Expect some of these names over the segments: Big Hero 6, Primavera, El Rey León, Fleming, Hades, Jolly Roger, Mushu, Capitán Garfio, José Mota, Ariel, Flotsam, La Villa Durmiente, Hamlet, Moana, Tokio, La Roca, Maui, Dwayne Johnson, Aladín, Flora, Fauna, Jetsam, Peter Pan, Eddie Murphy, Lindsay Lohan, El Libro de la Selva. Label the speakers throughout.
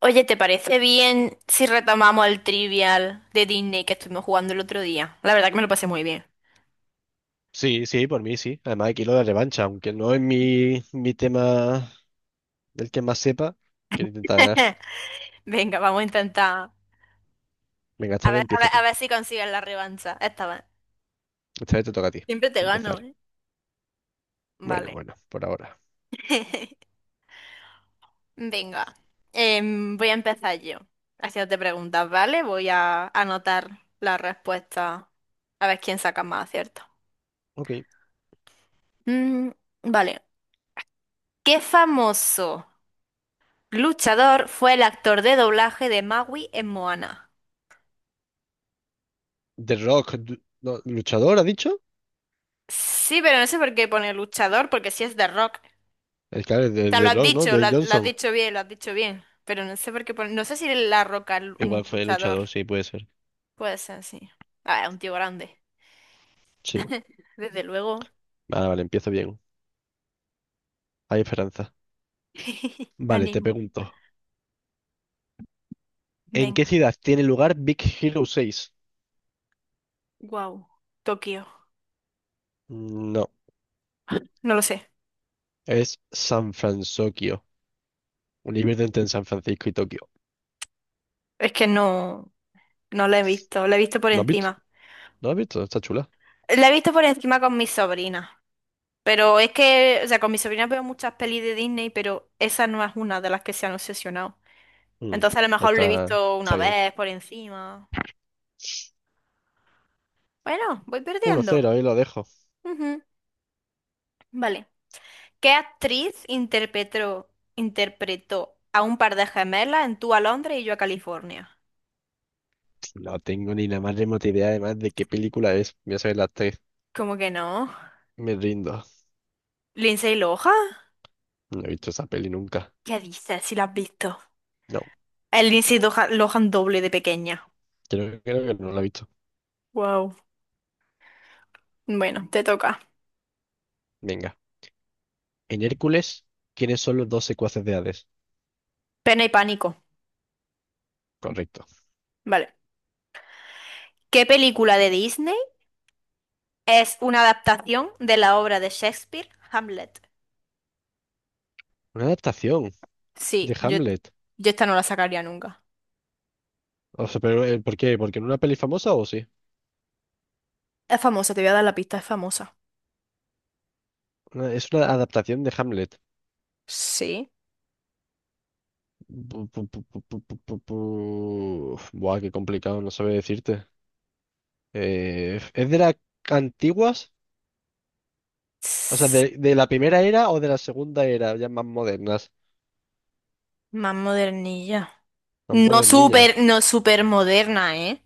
Speaker 1: Oye, ¿te parece bien si retomamos el trivial de Disney que estuvimos jugando el otro día? La verdad que me lo pasé muy bien.
Speaker 2: Sí, sí, por mí sí. Además, aquí lo de revancha, aunque no es mi tema del que más sepa, quiero intentar ganar.
Speaker 1: Venga, vamos a intentar.
Speaker 2: Venga,
Speaker 1: A
Speaker 2: esta vez
Speaker 1: ver, a
Speaker 2: empieza
Speaker 1: ver, a
Speaker 2: tú.
Speaker 1: ver si consigues la revancha. Esta vez.
Speaker 2: Esta vez te toca a ti
Speaker 1: Siempre te gano,
Speaker 2: empezar.
Speaker 1: ¿eh?
Speaker 2: Bueno,
Speaker 1: Vale.
Speaker 2: bueno, por ahora.
Speaker 1: Venga. Voy a empezar yo. Haciéndote preguntas, ¿vale? Voy a anotar la respuesta. A ver quién saca más acierto.
Speaker 2: Ok.
Speaker 1: Mm, vale. ¿Qué famoso luchador fue el actor de doblaje de Maui en Moana?
Speaker 2: The Rock, no, ¿luchador ha dicho?
Speaker 1: Sí, pero no sé por qué pone luchador, porque sí es de Rock.
Speaker 2: El que es de
Speaker 1: O sea, lo
Speaker 2: The
Speaker 1: has
Speaker 2: Rock, ¿no?
Speaker 1: dicho, lo,
Speaker 2: Dwayne
Speaker 1: ha- lo has
Speaker 2: Johnson.
Speaker 1: dicho bien, lo has dicho bien. Pero no sé por qué pone... No sé si La Roca es
Speaker 2: Igual
Speaker 1: un
Speaker 2: fue
Speaker 1: luchador.
Speaker 2: luchador, sí, puede ser.
Speaker 1: Puede ser, sí. Ah, es un tío grande.
Speaker 2: Sí.
Speaker 1: Desde luego.
Speaker 2: Vale, vale, empiezo bien. Hay esperanza. Vale, te
Speaker 1: Ánimo.
Speaker 2: pregunto. ¿En
Speaker 1: Venga.
Speaker 2: qué ciudad tiene lugar Big Hero 6?
Speaker 1: Wow. Tokio.
Speaker 2: No,
Speaker 1: No lo sé.
Speaker 2: es San Francisco. Un nivel entre San Francisco y Tokio.
Speaker 1: Es que no, no lo he visto. Lo he visto por
Speaker 2: ¿No has visto?
Speaker 1: encima.
Speaker 2: ¿Lo has visto? Está chula.
Speaker 1: Lo he visto por encima con mi sobrina. Pero es que, o sea, con mi sobrina veo muchas pelis de Disney, pero esa no es una de las que se han obsesionado.
Speaker 2: Mm,
Speaker 1: Entonces a lo mejor lo he
Speaker 2: Está,
Speaker 1: visto
Speaker 2: está
Speaker 1: una
Speaker 2: bien.
Speaker 1: vez por encima. Bueno, voy perdiendo.
Speaker 2: 1-0, ahí lo dejo.
Speaker 1: Ujú, vale. ¿Qué actriz interpretó, interpretó a un par de gemelas en Tú a Londres y yo a California?
Speaker 2: No tengo ni la más remota idea además de qué película es. Voy a saber las tres.
Speaker 1: ¿Cómo que no?
Speaker 2: Me rindo.
Speaker 1: ¿Lindsay Lohan?
Speaker 2: No he visto esa peli nunca.
Speaker 1: ¿Qué dices si la has visto?
Speaker 2: No,
Speaker 1: El Lindsay Lohan doble de pequeña.
Speaker 2: creo que no la he visto.
Speaker 1: Wow. Bueno, te toca.
Speaker 2: Venga. En Hércules, ¿quiénes son los dos secuaces de Hades?
Speaker 1: Pena y pánico.
Speaker 2: Correcto.
Speaker 1: Vale. ¿Qué película de Disney es una adaptación de la obra de Shakespeare, Hamlet?
Speaker 2: Una adaptación de
Speaker 1: Sí, yo,
Speaker 2: Hamlet.
Speaker 1: yo esta no la sacaría nunca.
Speaker 2: O sea, pero ¿por qué? ¿Porque en una peli famosa o sí?
Speaker 1: Es famosa, te voy a dar la pista, es famosa.
Speaker 2: Es una adaptación de Hamlet.
Speaker 1: Sí.
Speaker 2: Buah, qué complicado, no sabe decirte. ¿Es de las antiguas? O sea,
Speaker 1: Tss,
Speaker 2: de la primera era o de la segunda era, ya más modernas,
Speaker 1: más modernilla.
Speaker 2: más
Speaker 1: No
Speaker 2: modernillas.
Speaker 1: súper, no súper moderna, ¿eh?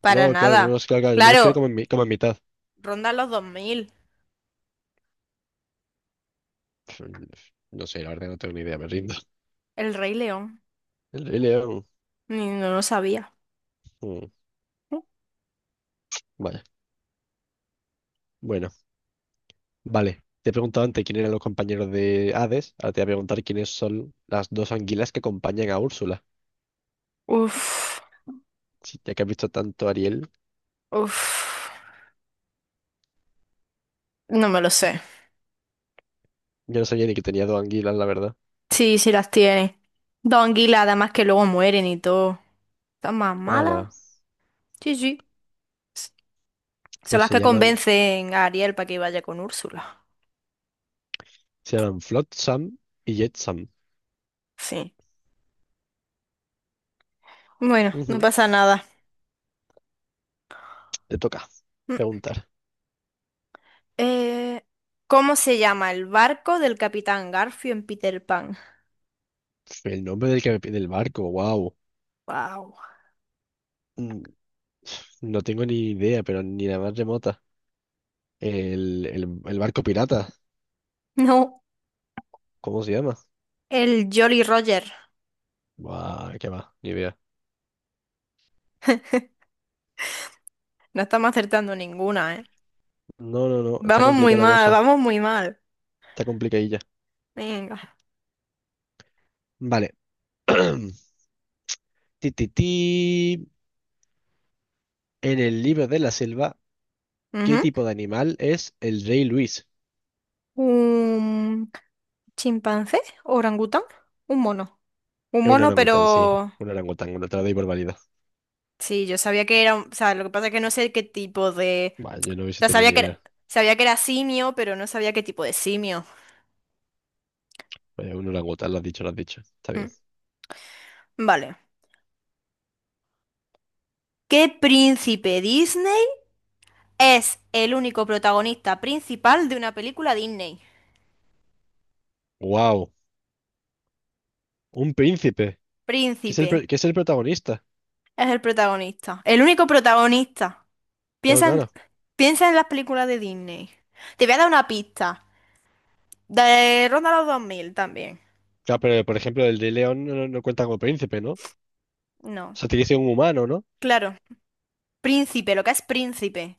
Speaker 1: Para
Speaker 2: No, claro, no, no,
Speaker 1: nada.
Speaker 2: es claro, claro, yo me refiero
Speaker 1: Claro,
Speaker 2: como en mitad.
Speaker 1: ronda los 2000.
Speaker 2: Pf, No sé, la verdad no tengo ni idea, me rindo.
Speaker 1: El Rey León.
Speaker 2: El Rey León.
Speaker 1: Ni- No lo sabía.
Speaker 2: mm, Vaya, bueno, vale. Te he preguntado antes quién eran los compañeros de Hades, ahora te voy a preguntar quiénes son las dos anguilas que acompañan a Úrsula.
Speaker 1: Uf,
Speaker 2: Sí, ya que has visto tanto a Ariel,
Speaker 1: uf. No me lo sé.
Speaker 2: yo no sabía ni que tenía dos anguilas, la verdad.
Speaker 1: Sí, sí las tiene. Dos anguilas, además que luego mueren y todo. ¿Están más malas?
Speaker 2: Ahora,
Speaker 1: Sí, sí. S- Son
Speaker 2: pues
Speaker 1: las
Speaker 2: se
Speaker 1: que
Speaker 2: llaman,
Speaker 1: convencen a Ariel para que vaya con Úrsula.
Speaker 2: se llaman Flotsam y Jetsam.
Speaker 1: Sí. Bueno, no
Speaker 2: Ujú.
Speaker 1: pasa nada.
Speaker 2: Te toca preguntar.
Speaker 1: Eh, ¿Cómo se llama el barco del Capitán Garfio en Peter Pan?
Speaker 2: El nombre me pide el barco, wow.
Speaker 1: Wow.
Speaker 2: No tengo ni idea, pero ni la más remota. El barco pirata,
Speaker 1: No,
Speaker 2: ¿cómo se llama?
Speaker 1: el Jolly Roger.
Speaker 2: Guau, qué va, ni idea.
Speaker 1: No estamos acertando ninguna, ¿eh?
Speaker 2: No, no, no, está
Speaker 1: Vamos muy
Speaker 2: complicada la
Speaker 1: mal,
Speaker 2: cosa.
Speaker 1: vamos muy mal.
Speaker 2: Está complicadilla.
Speaker 1: Venga.
Speaker 2: Vale. Ti, ti, ti. En el Libro de la Selva, ¿qué
Speaker 1: Ujú.
Speaker 2: tipo de animal es el rey Luis?
Speaker 1: ¿Un chimpancé? ¿Orangután? ¿Un mono? Un
Speaker 2: Es un
Speaker 1: mono,
Speaker 2: orangután, sí.
Speaker 1: pero...
Speaker 2: Un orangután, no te la doy por válida.
Speaker 1: Sí, yo sabía que era... O sea, lo que pasa es que no sé qué tipo de...
Speaker 2: Buah, yo no
Speaker 1: O
Speaker 2: hubiese
Speaker 1: sea,
Speaker 2: tenido
Speaker 1: sabía
Speaker 2: ni
Speaker 1: que era,
Speaker 2: idea.
Speaker 1: sabía que era simio, pero no sabía qué tipo de simio.
Speaker 2: Vaya, un orangután, lo has dicho, lo has dicho. Está
Speaker 1: Mm.
Speaker 2: bien.
Speaker 1: Vale. ¿Qué príncipe Disney? Es el único protagonista principal de una película Disney.
Speaker 2: Wow, un príncipe. que es el,
Speaker 1: Príncipe
Speaker 2: pro- que es el protagonista.
Speaker 1: es el protagonista. El único protagonista.
Speaker 2: Claro,
Speaker 1: Piensa en,
Speaker 2: claro.
Speaker 1: piensa en las películas de Disney. Te voy a dar una pista. De Ronda a los 2000 también.
Speaker 2: Claro, pero por ejemplo, el de León no, no cuenta como príncipe, ¿no? O
Speaker 1: No.
Speaker 2: sea, tiene que ser un humano, ¿no?
Speaker 1: Claro. Príncipe, lo que es príncipe.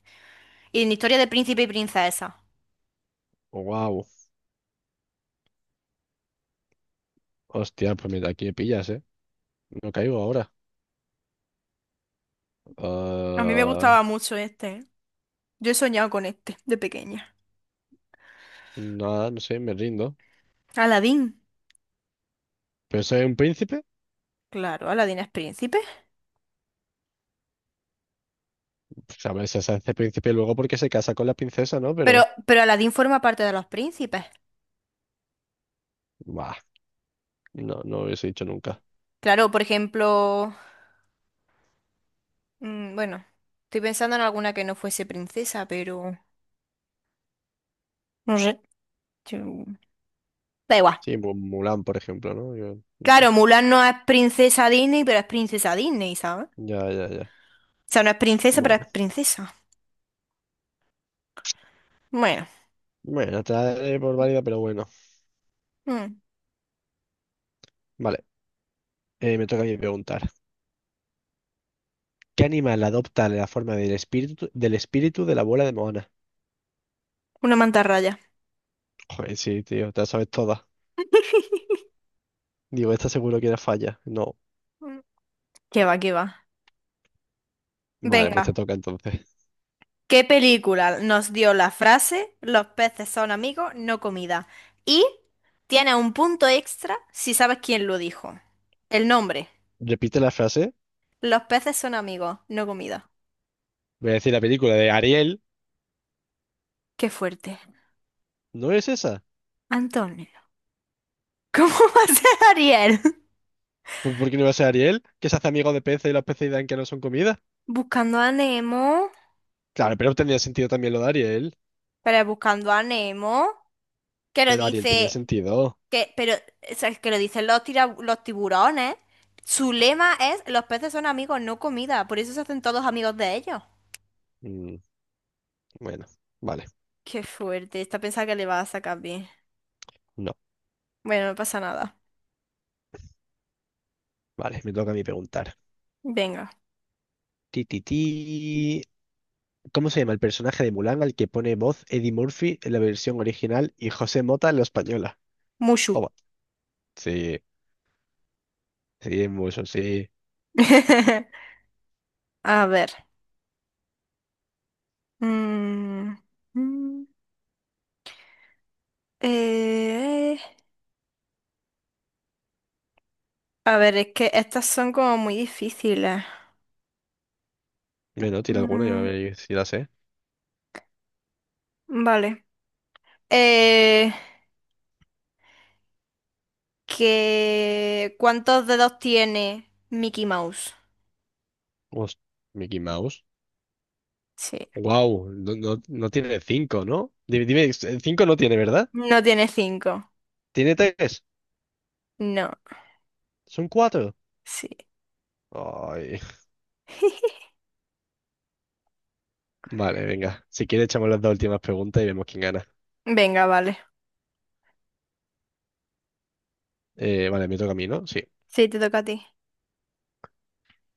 Speaker 1: Y en historia de príncipe y princesa.
Speaker 2: Wow. Hostia, pues mira, aquí me pillas, ¿eh? No caigo ahora.
Speaker 1: A mí me
Speaker 2: Ah,
Speaker 1: gustaba mucho este, ¿eh? Yo he soñado con este de pequeña.
Speaker 2: nada, no sé, me rindo.
Speaker 1: Aladín.
Speaker 2: ¿Pero soy un príncipe?
Speaker 1: Claro, Aladín es príncipe.
Speaker 2: Pues, a ver, se hace príncipe luego porque se casa con la princesa, ¿no?
Speaker 1: Pero,
Speaker 2: Pero,
Speaker 1: pero Aladín forma parte de los príncipes.
Speaker 2: bah, no lo hubiese dicho nunca.
Speaker 1: Claro, por ejemplo, mm, bueno, estoy pensando en alguna que no fuese princesa, pero no sé. yo- Da igual.
Speaker 2: Sí, Mulan, por ejemplo, ¿no? Yo no sé.
Speaker 1: Claro, Mulan no es princesa Disney, pero es princesa Disney, ¿sabes?
Speaker 2: Ya, ya, ya.
Speaker 1: O sea, no es princesa, pero es
Speaker 2: Bueno,
Speaker 1: princesa. Bueno,
Speaker 2: bueno, te la daré por válida, pero bueno.
Speaker 1: mm,
Speaker 2: Vale, me toca a mí preguntar. ¿Qué animal adopta la forma del espíritu de la abuela de Moana?
Speaker 1: una mantarraya.
Speaker 2: Joder, sí, tío, te la sabes toda. Digo, esta seguro que era falla. No.
Speaker 1: Mm, ¿Qué va, qué va?
Speaker 2: Vale, pues te
Speaker 1: Venga,
Speaker 2: toca entonces.
Speaker 1: ¿qué película nos dio la frase Los peces son amigos, no comida? Y tiene un punto extra si sabes quién lo dijo. El nombre.
Speaker 2: Repite la frase.
Speaker 1: Los peces son amigos, no comida.
Speaker 2: Voy a decir la película de Ariel.
Speaker 1: Qué fuerte.
Speaker 2: ¿No es esa?
Speaker 1: Antonio. ¿Cómo va a ser Ariel?
Speaker 2: Pues, ¿Por qué no va a ser Ariel? Que se hace amigo de peces y los peces dan que no son comida.
Speaker 1: Buscando a Nemo,
Speaker 2: Claro, pero tenía sentido también lo de Ariel.
Speaker 1: pero buscando a Nemo, que lo
Speaker 2: Pero Ariel tenía
Speaker 1: dice,
Speaker 2: sentido.
Speaker 1: que, pero, o sea, que lo dicen los, los tiburones. Su lema es, los peces son amigos, no comida, por eso se hacen todos amigos de ellos.
Speaker 2: Mm, bueno, vale.
Speaker 1: Qué fuerte, esta pensada que le va a sacar bien.
Speaker 2: No.
Speaker 1: Bueno, no pasa nada.
Speaker 2: Vale, me toca a mí preguntar.
Speaker 1: Venga,
Speaker 2: Ti, ti, ti. ¿Cómo se llama el personaje de Mulan al que pone voz Eddie Murphy en la versión original y José Mota en la española?
Speaker 1: Mushu.
Speaker 2: Toma. Sí, sí, es muy so, sí.
Speaker 1: A ver. Mm, mm, eh, a ver, es que estas son como muy difíciles.
Speaker 2: Bueno, tira alguna, ya
Speaker 1: Mm,
Speaker 2: veréis si la sé.
Speaker 1: vale. Eh, ¿Cuántos dedos tiene Mickey Mouse?
Speaker 2: Host- Mickey Mouse.
Speaker 1: Sí.
Speaker 2: Wow, no, no, no tiene cinco, ¿no? Dime, dime, cinco no tiene, ¿verdad?
Speaker 1: No tiene cinco.
Speaker 2: Tiene tres.
Speaker 1: No.
Speaker 2: Son cuatro.
Speaker 1: Sí.
Speaker 2: Ay, vale, venga. Si quieres, echamos las dos últimas preguntas y vemos quién gana.
Speaker 1: Venga, vale.
Speaker 2: Vale, me toca a mí, ¿no? Sí.
Speaker 1: Sí, te toca a ti.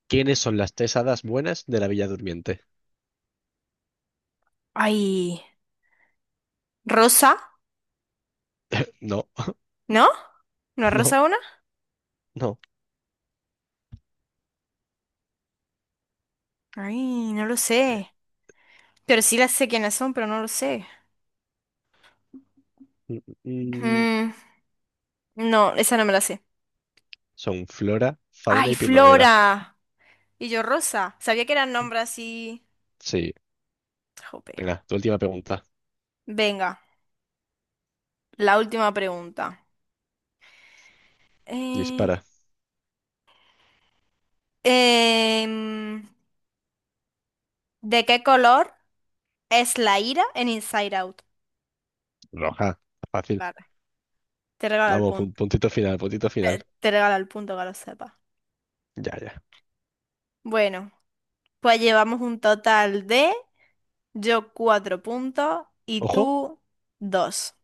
Speaker 2: ¿Quiénes son las tres hadas buenas de la Villa Durmiente?
Speaker 1: Ay, Rosa,
Speaker 2: No,
Speaker 1: ¿no? ¿No es
Speaker 2: no,
Speaker 1: Rosa una?
Speaker 2: no.
Speaker 1: Ay, no lo
Speaker 2: Eh,
Speaker 1: sé. Pero sí las sé quiénes son, pero no lo sé.
Speaker 2: Mm, mm,
Speaker 1: Mm, no, esa no me la sé.
Speaker 2: Son flora, fauna
Speaker 1: Ay,
Speaker 2: y primavera.
Speaker 1: Flora. Y yo Rosa. Sabía que eran nombres así.
Speaker 2: Sí,
Speaker 1: Jope.
Speaker 2: venga, tu última pregunta.
Speaker 1: Venga, la última pregunta. Eh,
Speaker 2: Dispara.
Speaker 1: Em, ¿De qué color es la ira en Inside Out?
Speaker 2: Roja. Fácil.
Speaker 1: Vale, te regalo el
Speaker 2: Vamos, pun-
Speaker 1: punto.
Speaker 2: puntito final, puntito final.
Speaker 1: Te regalo el punto que lo sepas.
Speaker 2: Ya, ya.
Speaker 1: Bueno, pues llevamos un total de yo cuatro puntos y
Speaker 2: Ojo,
Speaker 1: tú dos.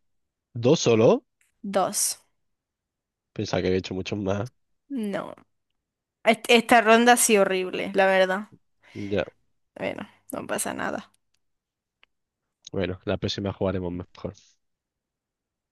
Speaker 2: dos solo.
Speaker 1: Dos.
Speaker 2: Pensaba que había hecho muchos más.
Speaker 1: No. Est- esta ronda ha sido horrible, la verdad.
Speaker 2: Ya,
Speaker 1: Bueno, no pasa nada.
Speaker 2: bueno, la próxima jugaremos mejor.